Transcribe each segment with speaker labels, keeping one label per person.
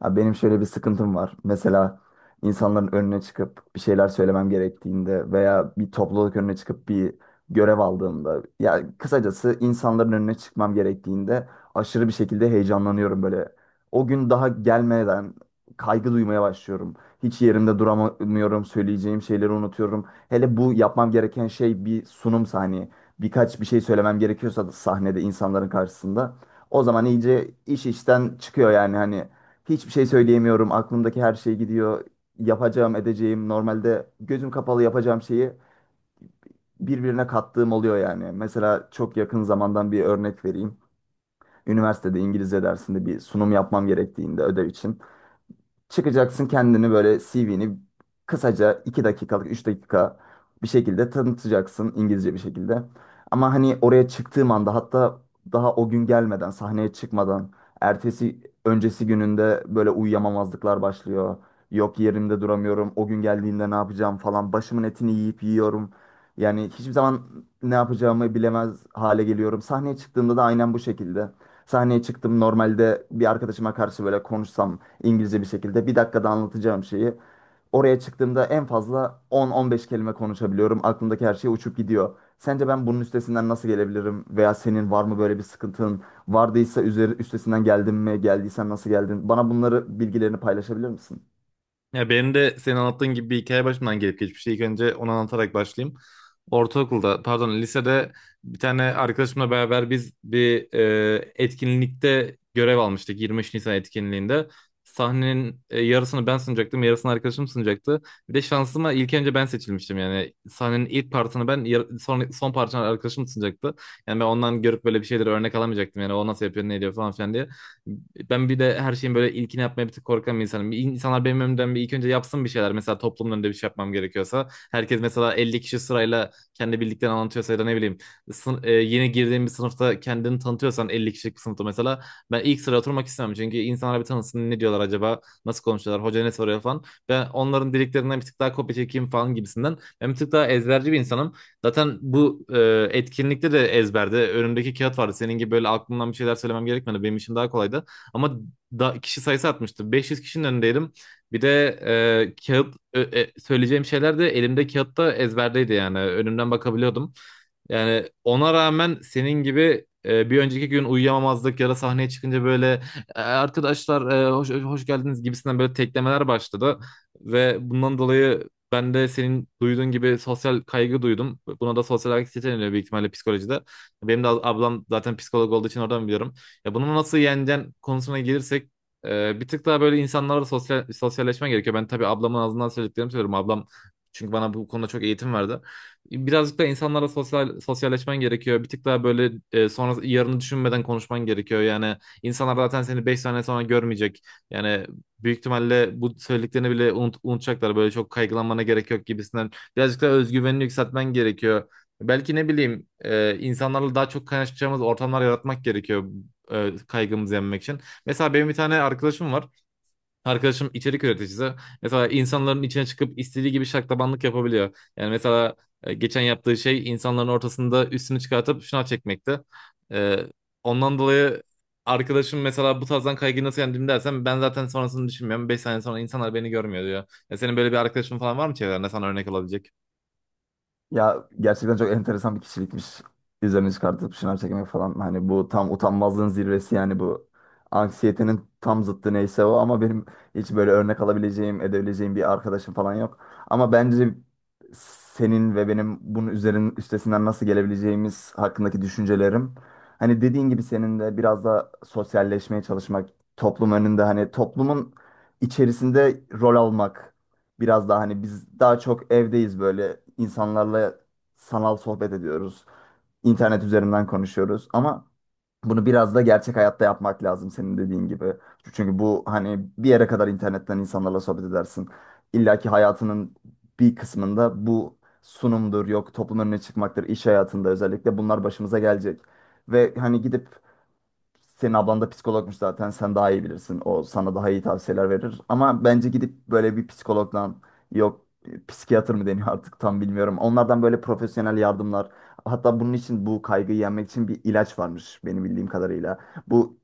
Speaker 1: Ha, benim şöyle bir sıkıntım var. Mesela insanların önüne çıkıp bir şeyler söylemem gerektiğinde veya bir topluluk önüne çıkıp bir görev aldığımda ya kısacası insanların önüne çıkmam gerektiğinde aşırı bir şekilde heyecanlanıyorum böyle. O gün daha gelmeden kaygı duymaya başlıyorum. Hiç yerimde duramıyorum, söyleyeceğim şeyleri unutuyorum. Hele bu yapmam gereken şey bir sunumsa hani birkaç bir şey söylemem gerekiyorsa da sahnede insanların karşısında o zaman iyice iş işten çıkıyor yani hani. Hiçbir şey söyleyemiyorum. Aklımdaki her şey gidiyor. Yapacağım, edeceğim. Normalde gözüm kapalı yapacağım şeyi birbirine kattığım oluyor yani. Mesela çok yakın zamandan bir örnek vereyim. Üniversitede İngilizce dersinde bir sunum yapmam gerektiğinde ödev için. Çıkacaksın kendini böyle CV'ni kısaca 2 dakikalık 3 dakika bir şekilde tanıtacaksın İngilizce bir şekilde. Ama hani oraya çıktığım anda hatta daha o gün gelmeden sahneye çıkmadan ertesi öncesi gününde böyle uyuyamamazlıklar başlıyor. Yok yerimde duramıyorum o gün geldiğinde ne yapacağım falan başımın etini yiyip yiyorum. Yani hiçbir zaman ne yapacağımı bilemez hale geliyorum. Sahneye çıktığımda da aynen bu şekilde. Sahneye çıktım normalde bir arkadaşıma karşı böyle konuşsam İngilizce bir şekilde bir dakikada anlatacağım şeyi. Oraya çıktığımda en fazla 10-15 kelime konuşabiliyorum. Aklımdaki her şey uçup gidiyor. Sence ben bunun üstesinden nasıl gelebilirim? Veya senin var mı böyle bir sıkıntın? Vardıysa üstesinden geldin mi? Geldiysen nasıl geldin? Bana bunları bilgilerini paylaşabilir misin?
Speaker 2: Ya benim de senin anlattığın gibi bir hikaye başımdan gelip geçmiş. İlk önce onu anlatarak başlayayım. Ortaokulda, pardon, lisede bir tane arkadaşımla beraber biz bir etkinlikte görev almıştık. 23 Nisan etkinliğinde. Sahnenin yarısını ben sunacaktım, yarısını arkadaşım sunacaktı. Bir de şansıma ilk önce ben seçilmiştim yani. Sahnenin ilk partını ben, son, son partını arkadaşım sunacaktı. Yani ben ondan görüp böyle bir şeyleri örnek alamayacaktım. Yani o nasıl yapıyor, ne ediyor falan filan diye. Ben bir de her şeyin böyle ilkini yapmaya bir tık korkan bir insanım. İnsanlar benim önümden bir ilk önce yapsın bir şeyler. Mesela toplumun önünde bir şey yapmam gerekiyorsa. Herkes mesela 50 kişi sırayla kendi bildiklerini anlatıyorsa ya da ne bileyim, yeni girdiğin bir sınıfta kendini tanıtıyorsan 50 kişilik bir sınıfta mesela. Ben ilk sıraya oturmak istemem. Çünkü insanlar bir tanısın, ne diyorlar acaba? Nasıl konuşuyorlar? Hoca ne soruyor falan. Ben onların dediklerinden bir tık daha kopya çekeyim falan gibisinden. Ben bir tık daha ezberci bir insanım. Zaten bu etkinlikte de ezberde önümdeki kağıt vardı. Senin gibi böyle aklımdan bir şeyler söylemem gerekmedi. Benim için daha kolaydı. Ama kişi sayısı artmıştı. 500 kişinin önündeydim. Bir de söyleyeceğim şeyler de elimde kağıtta ezberdeydi yani. Önümden bakabiliyordum. Yani ona rağmen senin gibi bir önceki gün uyuyamamazlık ya da sahneye çıkınca böyle arkadaşlar hoş geldiniz" gibisinden böyle teklemeler başladı. Ve bundan dolayı ben de senin duyduğun gibi sosyal kaygı duydum. Buna da sosyal anksiyete deniyor büyük ihtimalle psikolojide. Benim de ablam zaten psikolog olduğu için oradan biliyorum. Ya bunu nasıl yeneceğin konusuna gelirsek bir tık daha böyle insanlarla sosyalleşmen gerekiyor. Ben tabii ablamın ağzından söylediklerimi söylüyorum. Ablam çünkü bana bu konuda çok eğitim verdi. Birazcık da insanlarla sosyalleşmen gerekiyor. Bir tık daha böyle sonra yarını düşünmeden konuşman gerekiyor. Yani insanlar zaten seni 5 sene sonra görmeyecek. Yani büyük ihtimalle bu söylediklerini bile unutacaklar. Böyle çok kaygılanmana gerek yok gibisinden. Birazcık da özgüvenini yükseltmen gerekiyor. Belki ne bileyim insanlarla daha çok kaynaşacağımız ortamlar yaratmak gerekiyor kaygımızı yenmek için. Mesela benim bir tane arkadaşım var. Arkadaşım içerik üreticisi. Mesela insanların içine çıkıp istediği gibi şaklabanlık yapabiliyor. Yani mesela geçen yaptığı şey insanların ortasında üstünü çıkartıp şınav çekmekti. E, ondan dolayı arkadaşım mesela bu tarzdan kaygıyı nasıl yendim dersen ben zaten sonrasını düşünmüyorum. 5 sene sonra insanlar beni görmüyor diyor. Ya senin böyle bir arkadaşın falan var mı çevrende sana örnek olabilecek?
Speaker 1: Ya gerçekten çok enteresan bir kişilikmiş. Üzerine çıkartıp şınav çekmek falan. Hani bu tam utanmazlığın zirvesi yani bu anksiyetenin tam zıttı neyse o, ama benim hiç böyle örnek alabileceğim, edebileceğim bir arkadaşım falan yok. Ama bence senin ve benim bunun üzerinin üstesinden nasıl gelebileceğimiz hakkındaki düşüncelerim. Hani dediğin gibi senin de biraz da sosyalleşmeye çalışmak, toplum önünde hani toplumun içerisinde rol almak. Biraz daha hani biz daha çok evdeyiz, böyle insanlarla sanal sohbet ediyoruz. İnternet üzerinden konuşuyoruz ama bunu biraz da gerçek hayatta yapmak lazım senin dediğin gibi. Çünkü bu hani bir yere kadar internetten insanlarla sohbet edersin. İlla ki hayatının bir kısmında bu sunumdur, yok toplumun önüne çıkmaktır, iş hayatında özellikle bunlar başımıza gelecek. Ve hani gidip, senin ablan da psikologmuş zaten. Sen daha iyi bilirsin. O sana daha iyi tavsiyeler verir. Ama bence gidip böyle bir psikologdan, yok psikiyatr mı deniyor artık tam bilmiyorum. Onlardan böyle profesyonel yardımlar. Hatta bunun için, bu kaygıyı yenmek için bir ilaç varmış benim bildiğim kadarıyla. Bu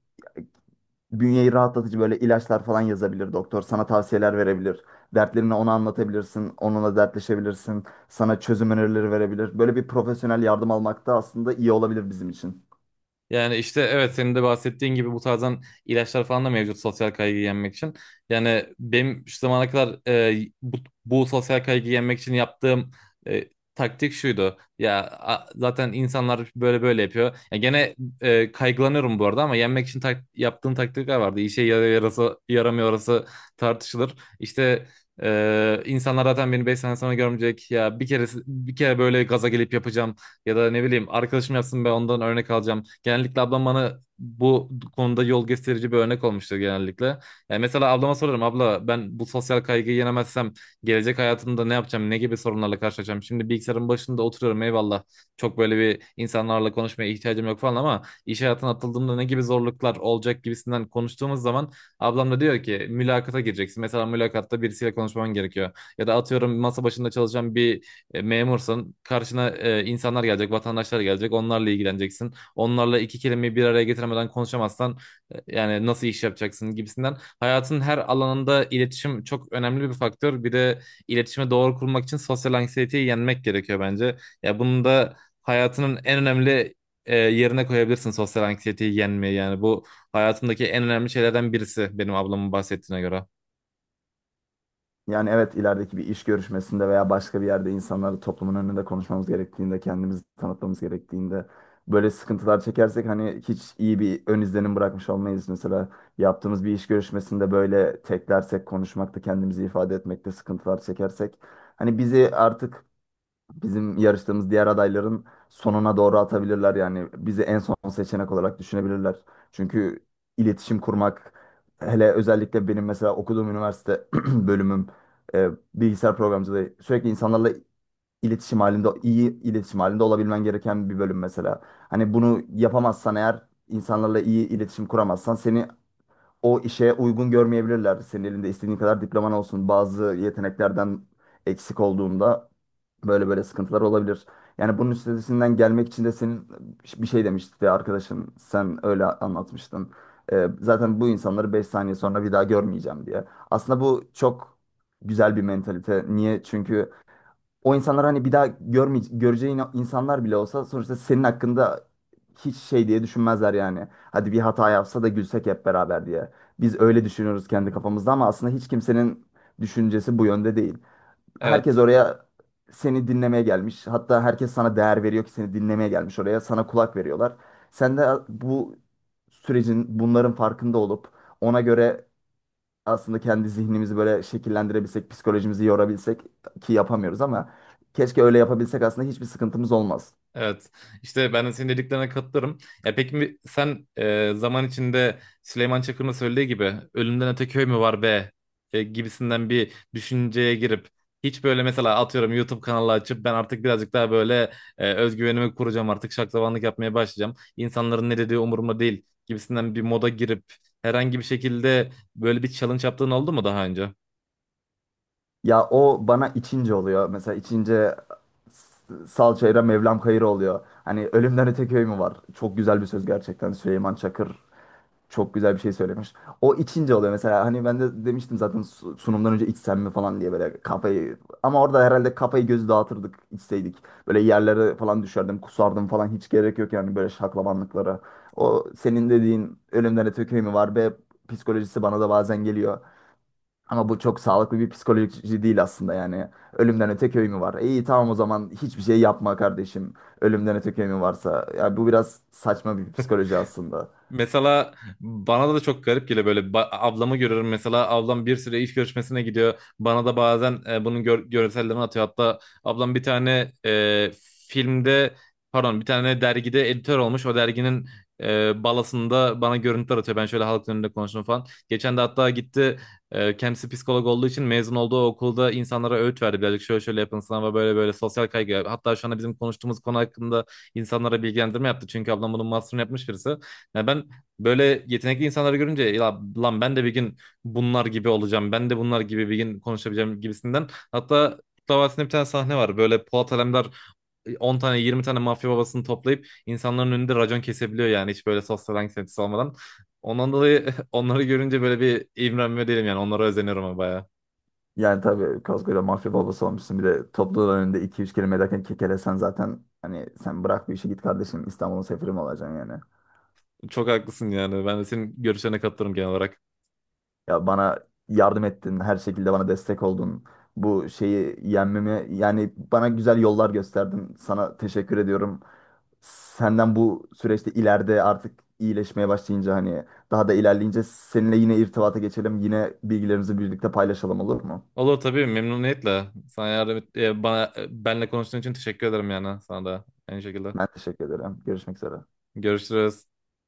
Speaker 1: bünyeyi rahatlatıcı böyle ilaçlar falan yazabilir doktor. Sana tavsiyeler verebilir. Dertlerini ona anlatabilirsin. Onunla dertleşebilirsin. Sana çözüm önerileri verebilir. Böyle bir profesyonel yardım almak da aslında iyi olabilir bizim için.
Speaker 2: Yani işte evet, senin de bahsettiğin gibi bu tarzdan ilaçlar falan da mevcut sosyal kaygıyı yenmek için. Yani benim şu zamana kadar bu sosyal kaygıyı yenmek için yaptığım e, taktik şuydu. Zaten insanlar böyle böyle yapıyor. Ya gene kaygılanıyorum bu arada ama yenmek için yaptığım taktikler vardı. İşe yarıyor yarası, yaramıyor orası tartışılır. İşte insanlar zaten beni 5 sene sonra görmeyecek. Ya bir kere böyle gaza gelip yapacağım ya da ne bileyim arkadaşım yapsın ben ondan örnek alacağım. Genellikle ablam bana bu konuda yol gösterici bir örnek olmuştur genellikle. Yani mesela ablama sorarım, abla ben bu sosyal kaygıyı yenemezsem gelecek hayatımda ne yapacağım, ne gibi sorunlarla karşılaşacağım. Şimdi bilgisayarın başında oturuyorum, eyvallah, çok böyle bir insanlarla konuşmaya ihtiyacım yok falan, ama iş hayatına atıldığımda ne gibi zorluklar olacak gibisinden konuştuğumuz zaman ablam da diyor ki mülakata gireceksin. Mesela mülakatta birisiyle konuşman gerekiyor. Ya da atıyorum masa başında çalışan bir memursun. Karşına insanlar gelecek, vatandaşlar gelecek. Onlarla ilgileneceksin. Onlarla iki kelimeyi bir araya getiremeden konuşamazsan yani nasıl iş yapacaksın gibisinden. Hayatın her alanında iletişim çok önemli bir faktör. Bir de iletişime doğru kurmak için sosyal anksiyeteyi yenmek gerekiyor bence. Ya bunu da hayatının en önemli yerine koyabilirsin, sosyal anksiyeteyi yenmeyi. Yani bu hayatımdaki en önemli şeylerden birisi benim ablamın bahsettiğine göre.
Speaker 1: Yani evet, ilerideki bir iş görüşmesinde veya başka bir yerde insanlarla, toplumun önünde konuşmamız gerektiğinde, kendimizi tanıtmamız gerektiğinde böyle sıkıntılar çekersek hani hiç iyi bir ön izlenim bırakmış olmayız. Mesela yaptığımız bir iş görüşmesinde böyle teklersek konuşmakta, kendimizi ifade etmekte sıkıntılar çekersek hani bizi artık, bizim yarıştığımız diğer adayların sonuna doğru atabilirler, yani bizi en son seçenek olarak düşünebilirler. Çünkü iletişim kurmak, hele özellikle benim mesela okuduğum üniversite bölümüm e, bilgisayar programcılığı, sürekli insanlarla iletişim halinde, iyi iletişim halinde olabilmen gereken bir bölüm mesela. Hani bunu yapamazsan eğer, insanlarla iyi iletişim kuramazsan seni o işe uygun görmeyebilirler. Senin elinde istediğin kadar diploman olsun. Bazı yeteneklerden eksik olduğunda böyle böyle sıkıntılar olabilir. Yani bunun üstesinden gelmek için de senin bir şey demişti ya arkadaşın, sen öyle anlatmıştın. Zaten bu insanları 5 saniye sonra bir daha görmeyeceğim diye. Aslında bu çok güzel bir mentalite. Niye? Çünkü o insanlar, hani bir daha görmeye, göreceğin insanlar bile olsa sonuçta senin hakkında hiç şey diye düşünmezler yani. Hadi bir hata yapsa da gülsek hep beraber diye. Biz öyle düşünüyoruz kendi kafamızda, ama aslında hiç kimsenin düşüncesi bu yönde değil.
Speaker 2: Evet.
Speaker 1: Herkes oraya seni dinlemeye gelmiş. Hatta herkes sana değer veriyor ki seni dinlemeye gelmiş oraya. Sana kulak veriyorlar. Sen de bu sürecin, bunların farkında olup ona göre aslında kendi zihnimizi böyle şekillendirebilsek, psikolojimizi yorabilsek, ki yapamıyoruz ama, keşke öyle yapabilsek aslında hiçbir sıkıntımız olmaz.
Speaker 2: Evet. İşte ben de senin dediklerine katılırım. Ya peki sen zaman içinde Süleyman Çakır'ın söylediği gibi ölümden öte köy mü var be gibisinden bir düşünceye girip hiç böyle mesela atıyorum YouTube kanalı açıp ben artık birazcık daha böyle özgüvenimi kuracağım, artık şaklabanlık yapmaya başlayacağım, İnsanların ne dediği umurumda değil gibisinden bir moda girip herhangi bir şekilde böyle bir challenge yaptığın oldu mu daha önce?
Speaker 1: Ya o bana içince oluyor. Mesela içince Salçayra Mevlam Kayır oluyor. Hani ölümden öte köy mü var? Çok güzel bir söz gerçekten. Süleyman Çakır çok güzel bir şey söylemiş. O içince oluyor. Mesela hani ben de demiştim zaten, sunumdan önce içsem mi falan diye böyle kafayı... Ama orada herhalde kafayı gözü dağıtırdık içseydik. Böyle yerlere falan düşerdim, kusardım falan, hiç gerek yok yani böyle şaklabanlıklara. O senin dediğin ölümden öte köy mü var be psikolojisi bana da bazen geliyor. Ama bu çok sağlıklı bir psikoloji değil aslında yani. Ölümden öte köy mü var? İyi, tamam o zaman hiçbir şey yapma kardeşim. Ölümden öte köy mü varsa. Ya bu biraz saçma bir psikoloji aslında.
Speaker 2: Mesela bana da çok garip geliyor, böyle ablamı görüyorum mesela, ablam bir süre iş görüşmesine gidiyor, bana da bazen bunun görsellerini atıyor. Hatta ablam bir tane filmde, pardon, bir tane dergide editör olmuş, o derginin balasında bana görüntüler atıyor, ben şöyle halkın önünde konuştum falan. Geçen de hatta gitti, kendisi psikolog olduğu için mezun olduğu okulda insanlara öğüt verdi birazcık, şöyle şöyle yapın sınava, böyle böyle sosyal kaygı, hatta şu anda bizim konuştuğumuz konu hakkında insanlara bilgilendirme yaptı, çünkü ablam bunun master'ını yapmış birisi. Ya ben böyle yetenekli insanları görünce ya lan ben de bir gün bunlar gibi olacağım. Ben de bunlar gibi bir gün konuşabileceğim gibisinden. Hatta Kurtlar Vadisi'nde bir tane sahne var. Böyle Polat Alemdar 10 tane 20 tane mafya babasını toplayıp insanların önünde racon kesebiliyor, yani hiç böyle sosyal anksiyetesi olmadan. Ondan dolayı onları görünce böyle bir imrenme değilim yani, onlara özeniyorum ama bayağı.
Speaker 1: Yani tabii koskoca mafya babası olmuşsun. Bir de topluluğun önünde iki üç kelime ederken kekelesen zaten, hani sen bırak bu işi, git kardeşim İstanbul'un sefiri mi olacaksın yani.
Speaker 2: Çok haklısın, yani ben de senin görüşlerine katılırım genel olarak.
Speaker 1: Ya bana yardım ettin, her şekilde bana destek oldun. Bu şeyi yenmemi, yani bana güzel yollar gösterdin. Sana teşekkür ediyorum. Senden bu süreçte, ileride artık iyileşmeye başlayınca hani daha da ilerleyince seninle yine irtibata geçelim. Yine bilgilerimizi birlikte paylaşalım, olur mu?
Speaker 2: Olur tabii, memnuniyetle. Sana benle konuştuğun için teşekkür ederim, yani sana da aynı şekilde.
Speaker 1: Ben teşekkür ederim. Görüşmek üzere.
Speaker 2: Görüşürüz.